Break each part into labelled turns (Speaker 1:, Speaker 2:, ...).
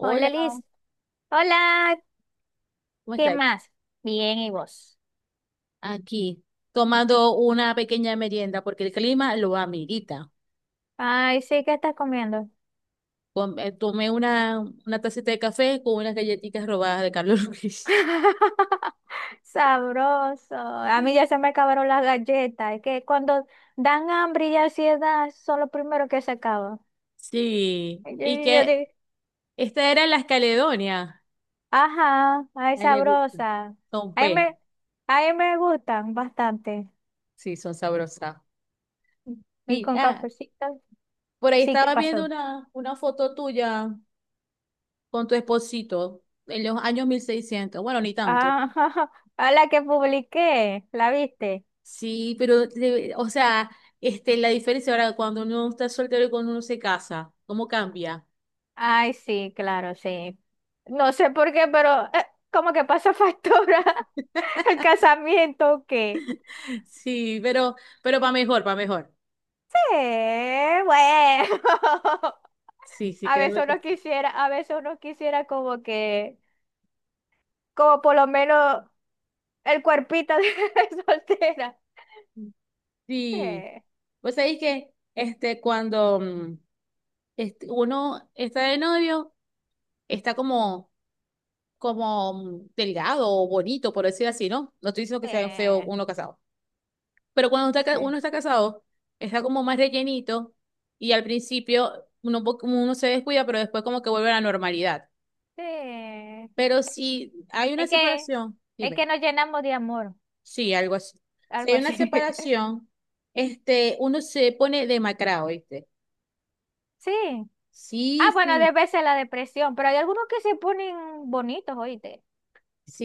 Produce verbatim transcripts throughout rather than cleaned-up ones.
Speaker 1: Hola Liz, hola,
Speaker 2: ¿cómo
Speaker 1: ¿qué
Speaker 2: estáis?
Speaker 1: más? Bien, ¿y vos?
Speaker 2: Aquí, tomando una pequeña merienda porque el clima lo amerita.
Speaker 1: Ay, sí, ¿qué estás comiendo?
Speaker 2: Com- eh, Tomé una, una tacita de café con unas galletitas robadas de Carlos Luis.
Speaker 1: Sabroso. A mí ya se me acabaron las galletas. Es que cuando dan hambre y ansiedad son los primeros que se acaban.
Speaker 2: Sí,
Speaker 1: Y Yo,
Speaker 2: y
Speaker 1: yo
Speaker 2: que
Speaker 1: digo.
Speaker 2: esta era las Caledonia.
Speaker 1: Ajá. Ay,
Speaker 2: A él le gusta.
Speaker 1: sabrosa.
Speaker 2: Son
Speaker 1: Ahí
Speaker 2: buenas,
Speaker 1: me, ahí me gustan bastante.
Speaker 2: sí, son sabrosas.
Speaker 1: Y
Speaker 2: Y,
Speaker 1: con
Speaker 2: ah,
Speaker 1: cafecito.
Speaker 2: por ahí
Speaker 1: Sí, ¿qué
Speaker 2: estaba viendo
Speaker 1: pasó?
Speaker 2: una, una foto tuya con tu esposito en los años mil seiscientos. Bueno, ni tanto.
Speaker 1: Ah, a la que publiqué, ¿la viste?
Speaker 2: Sí, pero, de- o sea, este, la diferencia ahora cuando uno está soltero y cuando uno se casa, ¿cómo cambia?
Speaker 1: Ay, sí, claro, sí. No sé por qué, pero eh, como que pasa factura el casamiento que...
Speaker 2: Sí, pero, pero para mejor, para mejor.
Speaker 1: Sí, bueno.
Speaker 2: Sí, sí,
Speaker 1: A veces
Speaker 2: créeme que
Speaker 1: uno
Speaker 2: sí.
Speaker 1: quisiera, a veces uno quisiera como que, como por lo menos el cuerpito de soltera. Sí,
Speaker 2: Sí, pues sabéis que este, cuando mm, este, uno está de novio, está como, como mm, delgado o bonito, por decir así, ¿no? No estoy diciendo que sea feo
Speaker 1: sí,
Speaker 2: uno casado. Pero cuando está ca-
Speaker 1: sí,
Speaker 2: uno está casado, está como más rellenito y al principio uno, po- como uno se descuida, pero después como que vuelve a la normalidad.
Speaker 1: sí.
Speaker 2: Pero si hay una
Speaker 1: Es que,
Speaker 2: separación,
Speaker 1: es que
Speaker 2: dime,
Speaker 1: nos llenamos de amor,
Speaker 2: sí, algo así. Si
Speaker 1: algo
Speaker 2: hay una
Speaker 1: así.
Speaker 2: separación, este, uno se pone demacrado, ¿viste?
Speaker 1: Sí. Ah,
Speaker 2: Sí,
Speaker 1: bueno,
Speaker 2: sí,
Speaker 1: debe ser la depresión, pero hay algunos que se ponen bonitos, oíste.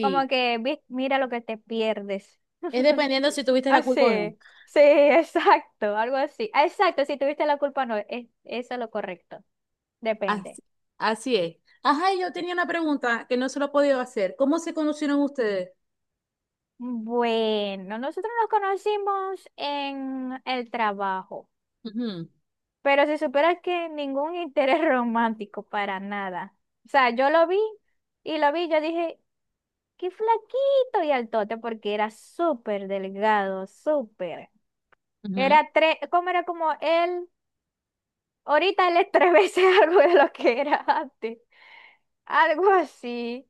Speaker 1: Como que "Vi- mira lo que te pierdes".
Speaker 2: Es dependiendo si tuviste la culpa o no.
Speaker 1: Así, sí, exacto, algo así. Ah, exacto, si tuviste la culpa, no, es, eso es lo correcto. Depende.
Speaker 2: Así, así es. Ajá, y yo tenía una pregunta que no se lo he podido hacer. ¿Cómo se conocieron ustedes?
Speaker 1: Bueno, nosotros nos conocimos en el trabajo.
Speaker 2: Ujú,
Speaker 1: Pero si supieras que ningún interés romántico para nada. O sea, yo lo vi y lo vi, yo dije, qué flaquito y altote, porque era súper delgado, súper.
Speaker 2: ujú.
Speaker 1: Era tres, ¿cómo era como él? Ahorita él es tres veces algo de lo que era antes. Algo así.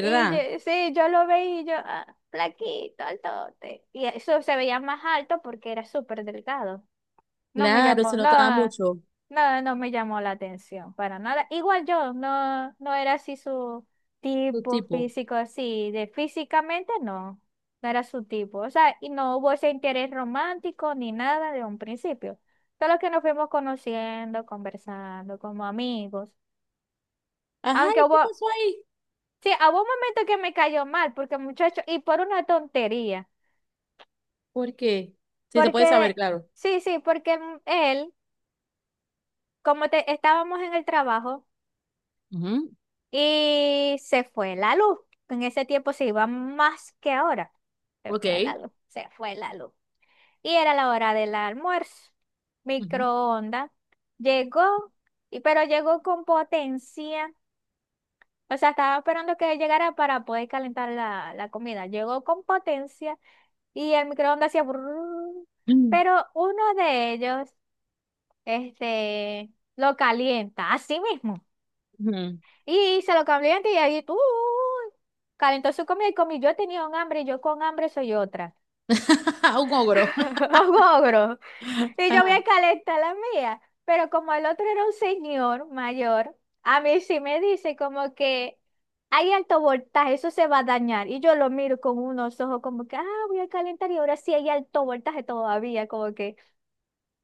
Speaker 1: Y yo- sí, yo lo veía y yo, ah, flaquito, altote. Y eso se veía más alto porque era súper delgado. No me
Speaker 2: Claro, se
Speaker 1: llamó,
Speaker 2: notaba
Speaker 1: no,
Speaker 2: mucho.
Speaker 1: no, no me llamó la atención para nada. Igual yo, no, no era así su
Speaker 2: Tu
Speaker 1: tipo
Speaker 2: tipo.
Speaker 1: físico, así, de físicamente no, no era su tipo. O sea, y no hubo ese interés romántico ni nada de un principio. Solo que nos fuimos conociendo, conversando como amigos.
Speaker 2: Ajá,
Speaker 1: Aunque
Speaker 2: ¿y qué
Speaker 1: hubo,
Speaker 2: pasó ahí?
Speaker 1: sí, hubo un momento que me cayó mal, porque muchacho, y por una tontería,
Speaker 2: ¿Por qué? Sí, se puede saber,
Speaker 1: porque,
Speaker 2: claro.
Speaker 1: sí, sí, porque él, como te, estábamos en el trabajo.
Speaker 2: Ujú,
Speaker 1: Y se fue la luz. En ese tiempo se iba más que ahora. Se fue
Speaker 2: ok.
Speaker 1: la luz, se fue la luz. Y era la hora del almuerzo.
Speaker 2: Ujú.
Speaker 1: Microondas. Llegó, y, pero llegó con potencia. O sea, estaba esperando que llegara para poder calentar la, la comida. Llegó con potencia y el microondas hacía brrrr. Pero uno de ellos, este, lo calienta, así mismo.
Speaker 2: Ujú.
Speaker 1: Y se lo cambió y ahí tú calentó su comida y comí. Yo tenía un hambre y yo con hambre soy otra.
Speaker 2: Un ogro.
Speaker 1: Un ogro. Y yo voy
Speaker 2: Ajá.
Speaker 1: a calentar la mía. Pero como el otro era un señor mayor, a mí sí me dice como que hay alto voltaje, eso se va a dañar. Y yo lo miro con unos ojos como que, ah, voy a calentar y ahora sí hay alto voltaje todavía, como que.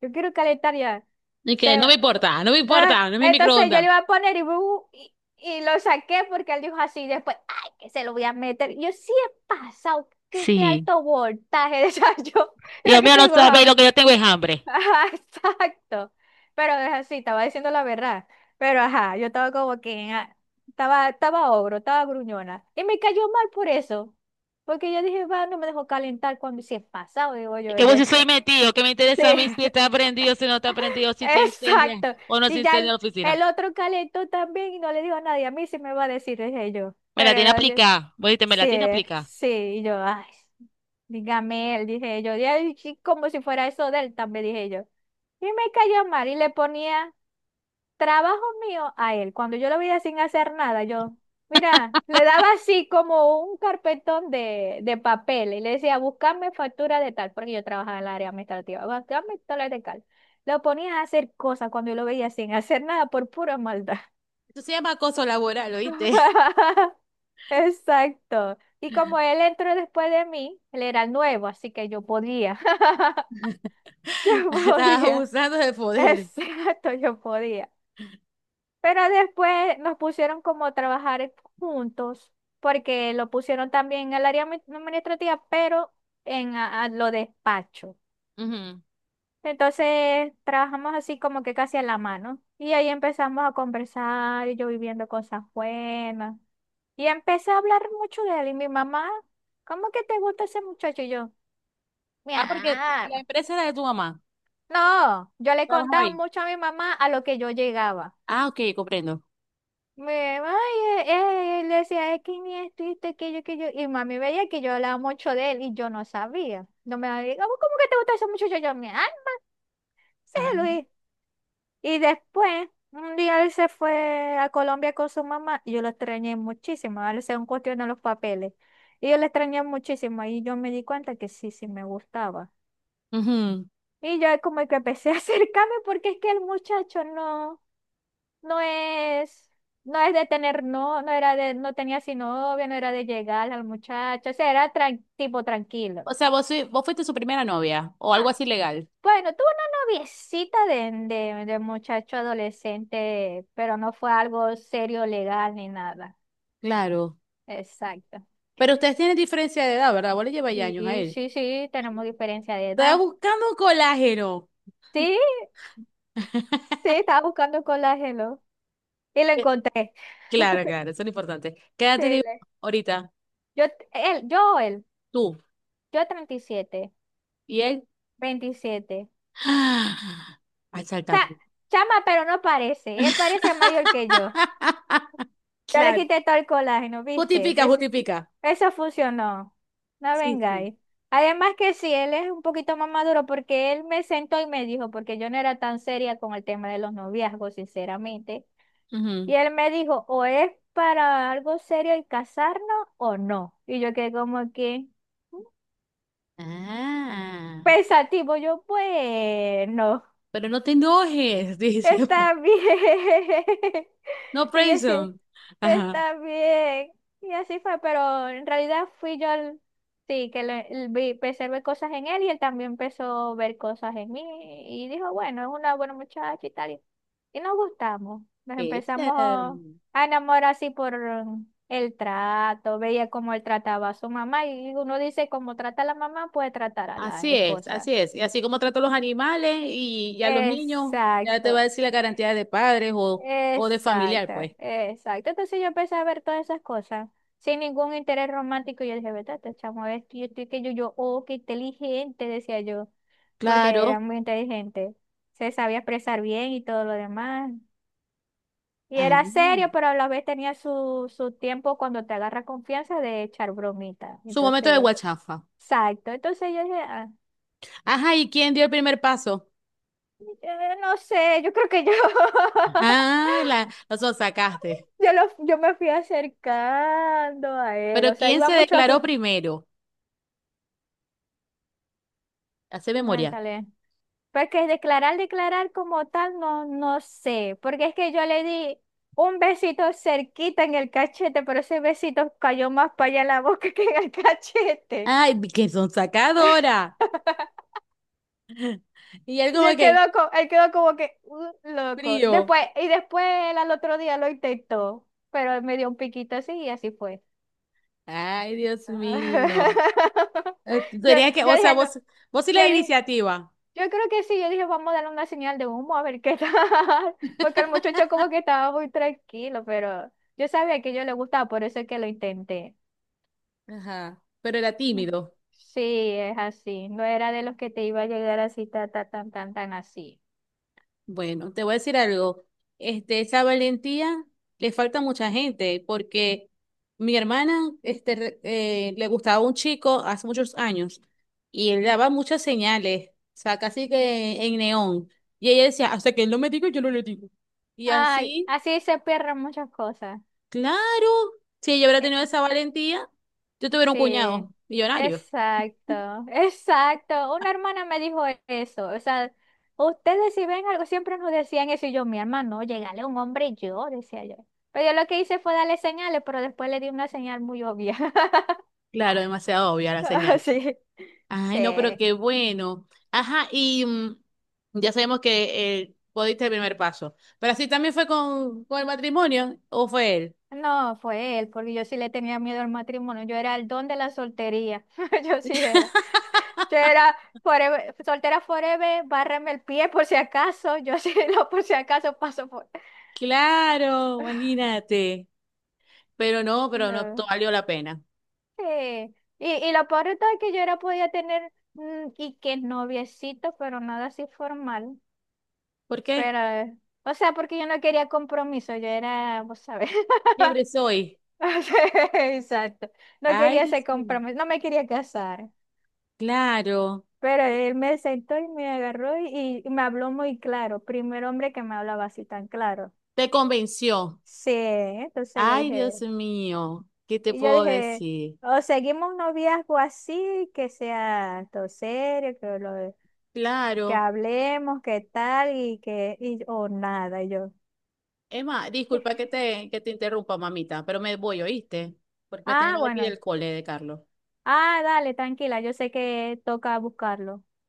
Speaker 1: Yo quiero calentar ya.
Speaker 2: Y que no
Speaker 1: Se-
Speaker 2: me importa, no me
Speaker 1: Ah,
Speaker 2: importa, no es mi
Speaker 1: Entonces yo le
Speaker 2: microondas.
Speaker 1: iba a poner y, bu- y, y lo saqué porque él dijo así. Y después, ay, que se lo voy a meter. Yo sí he pasado. Qué, qué
Speaker 2: Sí.
Speaker 1: alto voltaje. O sea, yo, es lo
Speaker 2: Dios
Speaker 1: que
Speaker 2: mío,
Speaker 1: te
Speaker 2: no
Speaker 1: digo.
Speaker 2: sabéis lo
Speaker 1: Ajá,
Speaker 2: que yo tengo es hambre.
Speaker 1: ajá, exacto. Pero es así, estaba diciendo la verdad. Pero ajá, yo estaba como que. ah, Estaba, estaba ogro, estaba gruñona. Y me cayó mal por eso. Porque yo dije, va, no me dejó calentar cuando sí he pasado, digo yo,
Speaker 2: Que vos si soy
Speaker 1: decía.
Speaker 2: metido, que me
Speaker 1: Sí.
Speaker 2: interesa a mí si está prendido, si no está prendido, si se incendia
Speaker 1: Exacto.
Speaker 2: o no se
Speaker 1: Y ya
Speaker 2: incendia
Speaker 1: el,
Speaker 2: la oficina.
Speaker 1: el otro calentó también y no le dijo a nadie. A mí sí me va a decir, dije yo.
Speaker 2: Me la
Speaker 1: Pero
Speaker 2: tiene
Speaker 1: era yo,
Speaker 2: aplicada. Vos dijiste, me la
Speaker 1: sí,
Speaker 2: tiene aplicada.
Speaker 1: sí. Y yo, ay, dígame él, dije yo. Y él, sí, como si fuera eso de él, también dije yo. Y me cayó mal y le ponía trabajo mío a él. Cuando yo lo veía sin hacer nada, yo, mira, le daba así como un carpetón de, de papel y le decía, buscame factura de tal, porque yo trabajaba en el área administrativa, buscame dólares de tal. Lo ponía a hacer cosas cuando yo lo veía sin hacer nada por pura maldad.
Speaker 2: Eso se llama acoso laboral, ¿oíste?
Speaker 1: Exacto. Y como él entró después de mí, él era el nuevo, así que yo podía. Yo
Speaker 2: Estás
Speaker 1: podía.
Speaker 2: abusando de poder.
Speaker 1: Exacto, yo podía. Pero después nos pusieron como a trabajar juntos, porque lo pusieron también en el área admi- administrativa, pero en a- a lo despacho.
Speaker 2: Ujú.
Speaker 1: Entonces trabajamos así como que casi a la mano. Y ahí empezamos a conversar, y yo viviendo cosas buenas. Y empecé a hablar mucho de él. Y mi mamá, ¿cómo que te gusta ese muchacho? Y yo, mi
Speaker 2: Ah, porque la
Speaker 1: alma.
Speaker 2: empresa era de tu mamá.
Speaker 1: No, yo le
Speaker 2: Trabajaba
Speaker 1: contaba
Speaker 2: ahí.
Speaker 1: mucho a mi mamá a lo que yo llegaba.
Speaker 2: Ah, ok, comprendo.
Speaker 1: Me, ay, eh, eh", él decía, es que ni esto, y esto, aquello, aquello. Y mami veía que yo hablaba mucho de él y yo no sabía. No me había "¿Cómo cómo que te gusta eso mucho?". Yo, yo, me, ah, sí,
Speaker 2: Ah,
Speaker 1: Luis. Y después, un día él se fue a Colombia con su mamá y yo lo extrañé muchísimo. Él se cuestión a los papeles. Y yo lo extrañé muchísimo y yo me di cuenta que sí, sí me gustaba.
Speaker 2: ujú.
Speaker 1: Y yo como que empecé a acercarme porque es que el muchacho no. no es, no es de tener, no, no era de, no tenía así novia, no era de llegar al muchacho, o sea, era tran- tipo tranquilo.
Speaker 2: O sea, vos, sui- vos fuiste su primera novia o algo
Speaker 1: Ah,
Speaker 2: así legal.
Speaker 1: bueno, tuvo una noviecita de, de, de muchacho adolescente, pero no fue algo serio, legal ni nada.
Speaker 2: Claro.
Speaker 1: Exacto.
Speaker 2: Pero ustedes tienen diferencia de edad, ¿verdad? Vos le lleváis años a
Speaker 1: Sí,
Speaker 2: él.
Speaker 1: sí, sí, tenemos diferencia de
Speaker 2: Estaba
Speaker 1: edad.
Speaker 2: buscando colágeno.
Speaker 1: Sí, sí, estaba buscando colágeno y lo
Speaker 2: Eh,
Speaker 1: encontré.
Speaker 2: Claro, claro, eso es lo importante. ¿Qué edad
Speaker 1: Sí,
Speaker 2: tenés
Speaker 1: le-
Speaker 2: ahorita?
Speaker 1: yo, él, yo, él,
Speaker 2: Tú
Speaker 1: yo treinta y siete,
Speaker 2: y él.
Speaker 1: veintisiete.
Speaker 2: Ah, al
Speaker 1: Cha-
Speaker 2: saltacu.
Speaker 1: chama, pero no parece. Él parece mayor que yo. Ya le
Speaker 2: Claro.
Speaker 1: quité todo el colágeno, ¿viste?
Speaker 2: Justifica,
Speaker 1: Es-
Speaker 2: justifica.
Speaker 1: eso funcionó. No
Speaker 2: Sí, sí.
Speaker 1: vengáis. Además que sí, él es un poquito más maduro porque él me sentó y me dijo, porque yo no era tan seria con el tema de los noviazgos, sinceramente.
Speaker 2: Ujú.
Speaker 1: Y él me dijo, o es para algo serio el casarnos o no. Y yo quedé como que
Speaker 2: Ah.
Speaker 1: pensativo, yo, bueno.
Speaker 2: Pero no te enojes, dice.
Speaker 1: Está bien.
Speaker 2: No,
Speaker 1: Y yo sí,
Speaker 2: Prayson. Ajá.
Speaker 1: está bien. Y así fue, pero en realidad fui yo, el- sí, que le- el- vi, empecé a ver cosas en él y él también empezó a ver cosas en mí y dijo, bueno, es una buena muchacha y tal. Y, y nos gustamos, nos
Speaker 2: Este,
Speaker 1: empezamos a a enamorar así por um, el trato, veía cómo él trataba a su mamá y uno dice, como trata a la mamá, puede tratar a la
Speaker 2: Así es,
Speaker 1: esposa.
Speaker 2: así es. Y así como trato a los animales y, y a los niños, ya te
Speaker 1: Exacto.
Speaker 2: va a decir la garantía de padres o, o de familiar,
Speaker 1: Exacto,
Speaker 2: pues.
Speaker 1: exacto. Entonces yo empecé a ver todas esas cosas sin ningún interés romántico. Yo dije, vete, este chamo, es que yo estoy que yo, yo, oh, qué inteligente, decía yo, porque
Speaker 2: Claro.
Speaker 1: era muy inteligente. Se sabía expresar bien y todo lo demás. Y
Speaker 2: Ah,
Speaker 1: era serio, pero a la vez tenía su, su tiempo cuando te agarra confianza de echar bromita.
Speaker 2: su momento de
Speaker 1: Entonces,
Speaker 2: guachafa.
Speaker 1: exacto. Entonces yo dije, ah,
Speaker 2: Ajá, ¿y quién dio el primer paso?
Speaker 1: eh, no sé, yo creo que yo.
Speaker 2: Ah, la, la sonsacaste.
Speaker 1: Yo, lo- yo me fui acercando a él, o
Speaker 2: Pero
Speaker 1: sea,
Speaker 2: ¿quién
Speaker 1: iba
Speaker 2: se
Speaker 1: mucho a
Speaker 2: declaró
Speaker 1: sus.
Speaker 2: primero? Hace memoria.
Speaker 1: Métale. Porque declarar, declarar como tal, no, no sé. Porque es que yo le di un besito cerquita en el cachete, pero ese besito cayó más para allá en la boca que en el cachete.
Speaker 2: Ay, qué sonsacadora. Y él
Speaker 1: Y
Speaker 2: como
Speaker 1: él quedó,
Speaker 2: que,
Speaker 1: co- él quedó como que "Uh, loco".
Speaker 2: frío.
Speaker 1: Después, y después él al otro día lo intentó, pero él me dio un piquito así y así fue.
Speaker 2: Ay, Dios mío. Eh,
Speaker 1: Yo,
Speaker 2: Tenías que,
Speaker 1: yo
Speaker 2: o sea,
Speaker 1: dije, no,
Speaker 2: vos, vos sí
Speaker 1: yo
Speaker 2: la
Speaker 1: dije,
Speaker 2: iniciativa.
Speaker 1: yo creo que sí, yo dije, vamos a darle una señal de humo a ver qué tal, porque el muchacho como que estaba muy tranquilo, pero yo sabía que yo le gustaba, por eso es que lo intenté.
Speaker 2: Ajá, pero era tímido.
Speaker 1: Sí, es así, no era de los que te iba a llegar así, ta, ta, tan, tan, tan así.
Speaker 2: Bueno, te voy a decir algo. Este, esa valentía le falta a mucha gente, porque mi hermana, este, re- eh, le gustaba un chico hace muchos años y él daba muchas señales, o sea, casi que en neón. Y ella decía, hasta que él no me diga, yo no le digo. Y
Speaker 1: Ay,
Speaker 2: así,
Speaker 1: así se pierden muchas cosas.
Speaker 2: claro, si ella hubiera tenido
Speaker 1: Eh,
Speaker 2: esa valentía, yo tuviera un
Speaker 1: Sí,
Speaker 2: cuñado millonario.
Speaker 1: exacto, exacto. Una hermana me dijo eso. O sea, ustedes si ven algo, siempre nos decían eso. Y yo, mi hermano, llegale a un hombre y yo, decía yo. Pero yo lo que hice fue darle señales, pero después le di una señal muy obvia.
Speaker 2: Claro, demasiado obvia la
Speaker 1: Ah,
Speaker 2: señal.
Speaker 1: sí,
Speaker 2: Ay, no, pero
Speaker 1: sí.
Speaker 2: qué bueno. Ajá, y mm, ya sabemos que eh, podiste el primer paso. Pero así también fue con, con el matrimonio, ¿o fue él?
Speaker 1: No, fue él, porque yo sí le tenía miedo al matrimonio. Yo era el don de la soltería. Yo sí era. Yo era forever- soltera forever, bárrame el pie por si acaso. Yo sí, lo por si acaso paso por.
Speaker 2: Claro, imagínate. Pero no, pero no
Speaker 1: No.
Speaker 2: to- valió la pena.
Speaker 1: Sí, y, y lo peor de todo es que yo era podía tener mm, y que noviecito, pero nada así formal.
Speaker 2: ¿Por qué?
Speaker 1: Pero, eh, o sea, porque yo no quería compromiso, yo era, vos sabés.
Speaker 2: Libre soy.
Speaker 1: Sí, exacto. No
Speaker 2: Ay,
Speaker 1: quería ese
Speaker 2: Dios mío.
Speaker 1: compromiso, no me quería casar.
Speaker 2: Claro,
Speaker 1: Pero él me sentó y me agarró y, y me habló muy claro. Primer hombre que me hablaba así tan claro.
Speaker 2: te convenció.
Speaker 1: Sí, entonces yo
Speaker 2: Ay, Dios
Speaker 1: dije,
Speaker 2: mío, ¿qué te
Speaker 1: y yo
Speaker 2: puedo
Speaker 1: dije,
Speaker 2: decir?
Speaker 1: o seguimos un noviazgo así, que sea todo serio, que lo, que
Speaker 2: Claro.
Speaker 1: hablemos, qué tal y que, y, o nada, y yo.
Speaker 2: Emma,
Speaker 1: "Eh".
Speaker 2: disculpa que te, que te interrumpa, mamita, pero me voy, ¿oíste? Porque me están
Speaker 1: Ah,
Speaker 2: llamando aquí
Speaker 1: bueno.
Speaker 2: del cole de Carlos.
Speaker 1: Ah, dale, tranquila, yo sé que toca buscarlo.